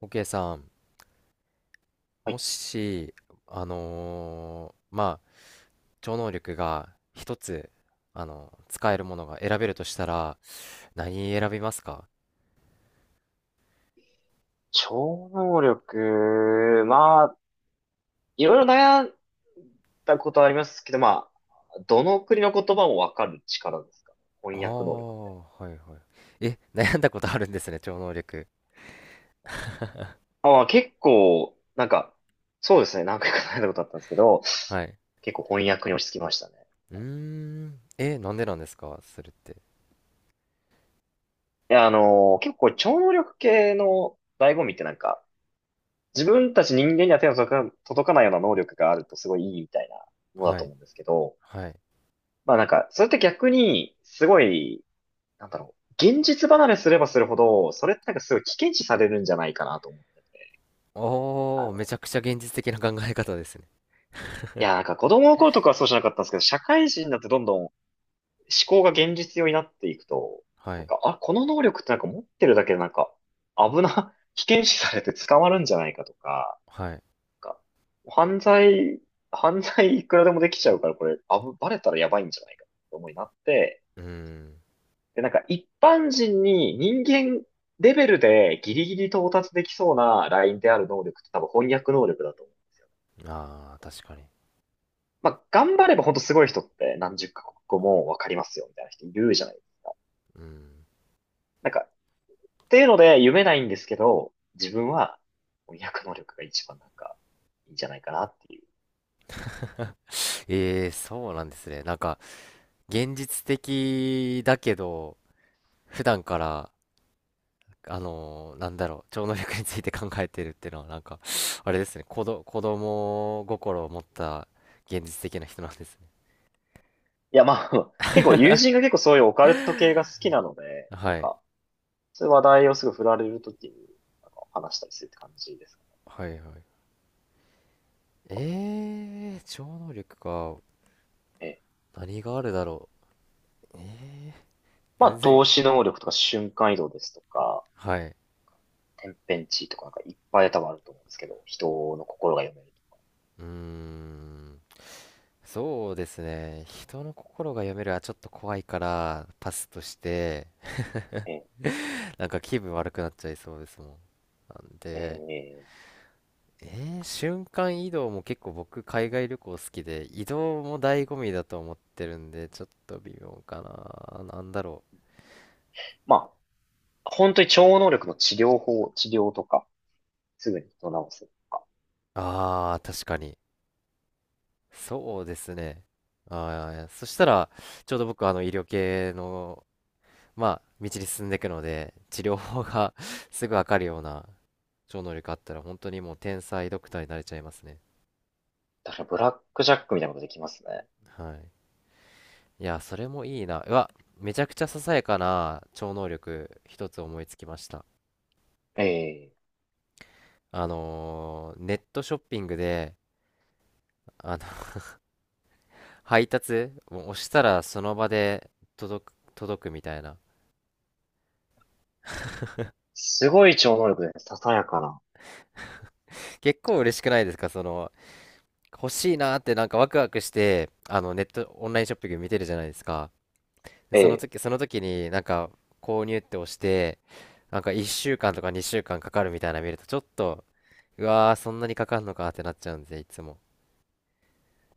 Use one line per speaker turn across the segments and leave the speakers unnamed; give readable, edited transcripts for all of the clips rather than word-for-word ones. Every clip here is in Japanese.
OK さん、
は
も
い、
し、まあ、超能力が一つ、使えるものが選べるとしたら、何選びますか？
超能力、まあ、いろいろ悩んだことはありますけど、どの国の言葉もわかる力ですかね。
ああ
翻訳能力みたい
ー、はいはい。え、悩んだことあるんですね、超能力。
な。あ、まあ、結構、なんか、そうですね、何回か悩んだことあったんですけど、
はい。
結構翻訳に落ち着きましたね。
うーん、え、なんでなんですかそれって？
結構超能力系の醍醐味って自分たち人間には手の届か届かないような能力があるとすごいいいみたいなものだ
は
と
い、
思うんですけど、
はい。
それって逆に、すごいなんだろう、現実離れすればするほど、それってなんかすごい危険視されるんじゃないかなと思って。あ
おー、め
の、
ちゃくちゃ現実的な考え方ですね。
子供の頃とかはそうじゃなかったんですけど、社会人になってどんどん思考が現実用になっていくと、
はい、
あ、この能力って持ってるだけで危険視されて捕まるんじゃないかとか、
はい。
なんか犯罪、犯罪いくらでもできちゃうから、これ、あぶ、バレたらやばいんじゃないかって思いになって、
うーん、
で、なんか一般人に人間レベルでギリギリ到達できそうなラインである能力って多分翻訳能力だと思う。
ああ、確かに。
まあ、頑張れば本当すごい人って何十カ国語もわかりますよみたいな人いるじゃないですか。
うん。
なんか、っていうので夢ないんですけど、自分は翻訳能力が一番いいんじゃないかなっていう ところで。
ええーそうなんですね。なんか、現実的だけど、普段から、なんだろう、超能力について考えてるっていうのは、なんか、あれですね、子供心を持った現実的な人なんですね。
結構友人が結構そういうオカ ルト系が好きなので、
はい。
そういう話題をすぐ振られるときに話したりするって感じですか
はいはい。ええー超能力か。
ね。
何があるだろう。ええー
まあ、
全
透
然。
視能力とか瞬間移動ですとか、
はい。
天変地異とかいっぱい多分あると思うんですけど、人の心が読める
うーん。そうですね。人の心が読めるはちょっと怖いからパスとして、
とね。
なんか気分悪くなっちゃいそうですもん。なん
え
で、
えええ
瞬間移動も結構僕海外旅行好きで、移動も醍醐味だと思ってるんで、ちょっと微妙かな。なんだろ
まあ、本当に超能力の治療とか、すぐに人を治すとか。
う。ああ、確かに。そうですね。ああ、そしたら、ちょうど僕医療系の、まあ、道に進んでいくので、治療法が すぐわかるような超能力あったら本当にもう天才ドクターになれちゃいますね。
確かにブラックジャックみたいなことできますね。
はい。いや、それもいいな。うわ、めちゃくちゃささやかな超能力一つ思いつきました。
ええ
ネットショッピングで、あの 配達もう押したらその場で届く、届くみたいな。
すごい超能力で、ささやかな。
結構嬉しくないですかその、欲しいなーってなんかワクワクして、ネット、オンラインショッピング見てるじゃないですか。で
え
その
え
時、その時になんか購入って押して、なんか1週間とか2週間かんかかるみたいなの見るとちょっと、うわー、そんなにかかんのかってなっちゃうんで、いつも。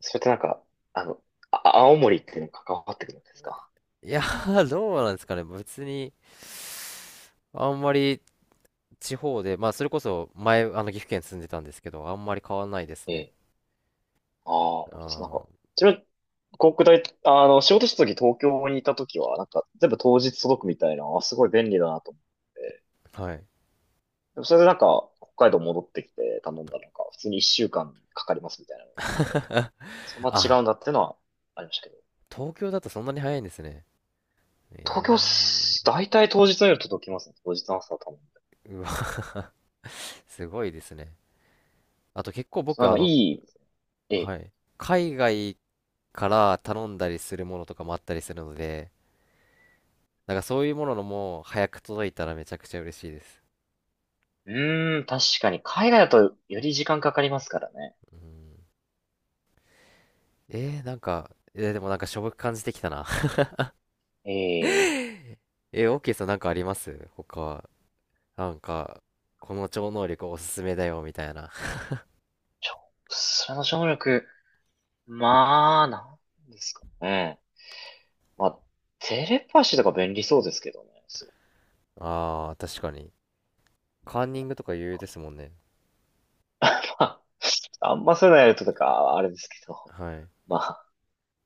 それってあの、青森っていうのに関わってくるんですか。
いやー、どうなんですかね。別に、あんまり地方で、まあそれこそ前、岐阜県住んでたんですけど、あんまり変わんないです
え
ね。
えああ、本当です。
あ
ちなみに、航空大あの、仕事した時東京にいた時は、全部当日届くみたいな、あ、すごい便利だなと思って。
ー、はい。
でもそれで北海道戻ってきて頼んだら、普通に一週間かんかかりますみたいな。そんな違
あ、
うんだっていうのはありましたけど。
東京だとそんなに早いんですね。
東京
え
す、大体当日の夜届きますね。当日の朝頼んで。
えー、うわ、すごいですね。あと結構
そ
僕、
のまあいいですね。え
は
え。
い。海外から頼んだりするものとかもあったりするので、なんかそういうもののも早く届いたらめちゃくちゃ嬉しいです。
うーん、確かに、海外だとより時間かかりますからね。
うん。なんか、でもなんかしょぼく感じてきたな
ええ、
えオーケーさんなんかあります他は、なんか、この超能力おすすめだよみたいな。
ちょ、それの省略力、なんですかね。まあ、テレパシーとか便利そうですけどね、すごく。
ああ、確かに。カンニングとか有用ですもんね。
まあんまそういうのやるととか、あれですけど。
はい。
まあ、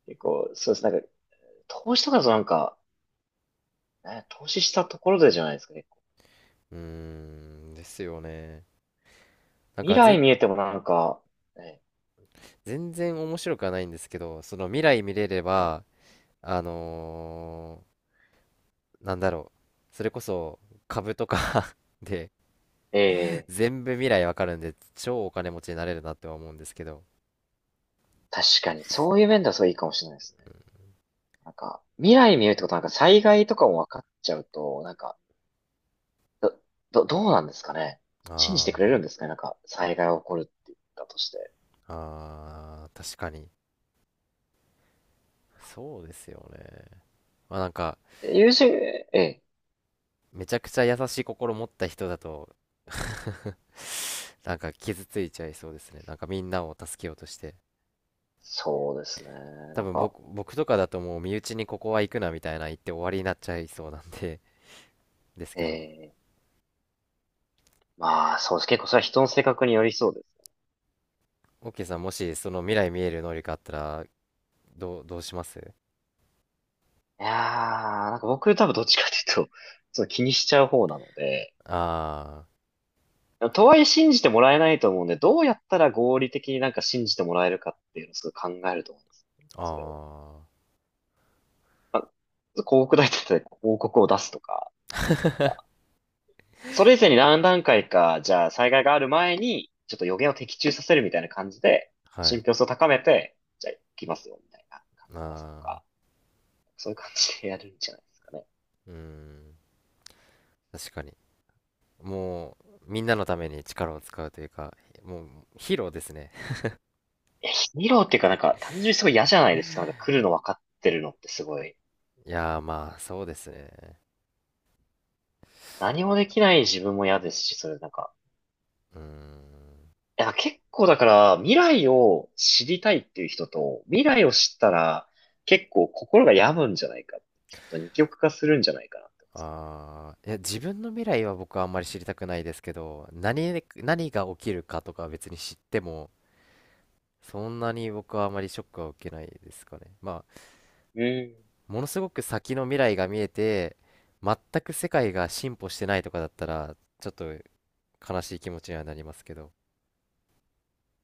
結構、そうです。投資とかだとね、投資したところでじゃないですか、結構。
うーん、ですよね。なん
未
か
来見えてもえ、
全然面白くはないんですけど、その未来見れれ
え、
ば、あのなんだろう、それこそ株とか で
ええ。
全部未来わかるんで、超お金持ちになれるなって思うんですけど。
確かに、そういう面ではすごいいいかもしれないですね。未来見えるってことは災害とかも分かっちゃうと、ど、どうなんですかね。
あ
信じてくれる
ー
んですかね。災害が起こるって言ったとして。
あー、確かに。そうですよね。まあなんか、
ええ。
めちゃくちゃ優しい心持った人だと なんか傷ついちゃいそうですね。なんかみんなを助けようとして。
そうですね。
多
なん
分
か、
僕とかだともう身内にここは行くなみたいな言って終わりになっちゃいそうなんで ですけど。
ええまあ、そうです。結構それは人の性格によりそうです。
オッケーさん、もしその未来見える能力あったら、どうします？
いやー、僕多分どっちかというと、そう気にしちゃう方なので、
あ
とはいえ信じてもらえないと思うんで、どうやったら合理的に信じてもらえるかっていうのをすごい考えると思うんです。
あ、
それを。
あ
広告代理店で広告を出すとか、なんか、それ以前に何段階か、じゃあ災害がある前に、ちょっと予言を的中させるみたいな感じで、
あ、は
信
い。
憑性を高めて、じゃあ行きますよ、みたいな感じで出すと
ああ、
か。そういう感じでやるんじゃないですかね。
うん。確かに。もう、みんなのために力を使うというか、もう、ヒーローですね。
え、ヒーローっていうか単純にすごい嫌じゃないですか。なんか来るの分かってるのってすごい。
いやー、まあ、そうですね。
何
ま
もでき
あ、
ない自分も嫌ですし、それなんか、
うーん。
いや、結構だから未来を知りたいっていう人と、未来を知ったら結構心が病むんじゃないかって人と二極化するんじゃないかなって思うんです
ああ、いや、自分の未来は僕はあんまり知りたくないですけど、何が起きるかとかは別に知っても、そんなに僕はあまりショックは受けないですかね。まあ、
けど。うん。
ものすごく先の未来が見えて、全く世界が進歩してないとかだったら、ちょっと悲しい気持ちにはなりますけど、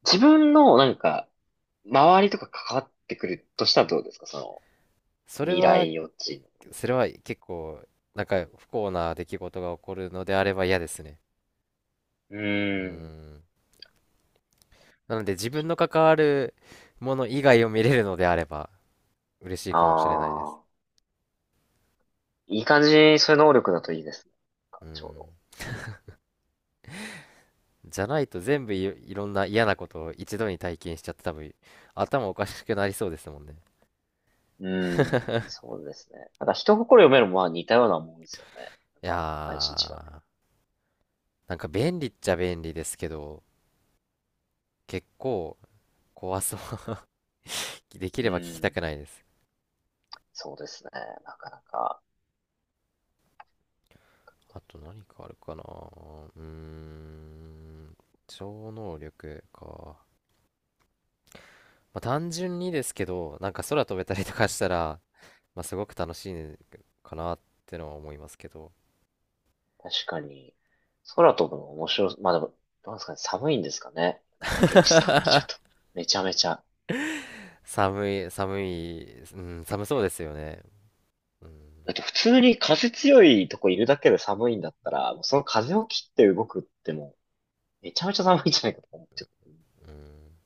自分の周りとか関わってくるとしたらどうですかその、
それ
未
は、
来予知の。
それ
え。
は結構、なんか不幸な出来事が起こるのであれば嫌ですね。
う
うー
ん。
ん。なので自分の関わるもの以外を見れるのであれば嬉しい
あ
かもしれないです。
あ。いい感じにそういう能力だといいですね。
う
ち
ん。
ょ
じゃないと全部いろんな嫌なことを一度に体験しちゃって多分頭おかしくなりそうですもんね。
うど。うん。そうですね。なんか人心読めるもまあ似たようなもんですよね。
い
内
や
心違う。
ー。なんか便利っちゃ便利ですけど、結構怖そう。でき
う
れば聞きた
ん。
くないです。
そうですね。なかなか、
あと何かあるかな。ーん、超能力か。まあ、単純にですけど、なんか空飛べたりとかしたら、まあ、すごく楽しいかなってのは思いますけど。
確かに、空飛ぶの面白い。まあでも、どうなんですかね。寒いんですかね。現実考えちゃうと。めちゃめちゃ。
寒い、寒い、うん、寒そうですよね。うん、
だって普通に風強いとこいるだけで寒いんだったら、もうその風を切って動くってもう、めちゃめちゃ寒いんじゃないかと思っちゃう。
うん。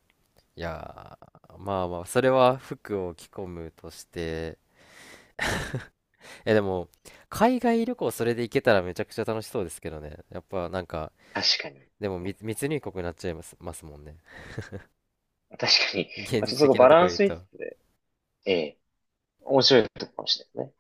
いやー、まあまあ、それは服を着込むとして、え、でも、海外旅行それで行けたらめちゃくちゃ楽しそうですけどね。やっぱなんか、
確かに。
でも
うん。
密入国になっちゃいますもんね。
確かに。
現
まあ、
実
ちょっとそこ
的な
バ
とこ
ラン
言う
スに、
と。
ええ。面白いとこかもしれないね。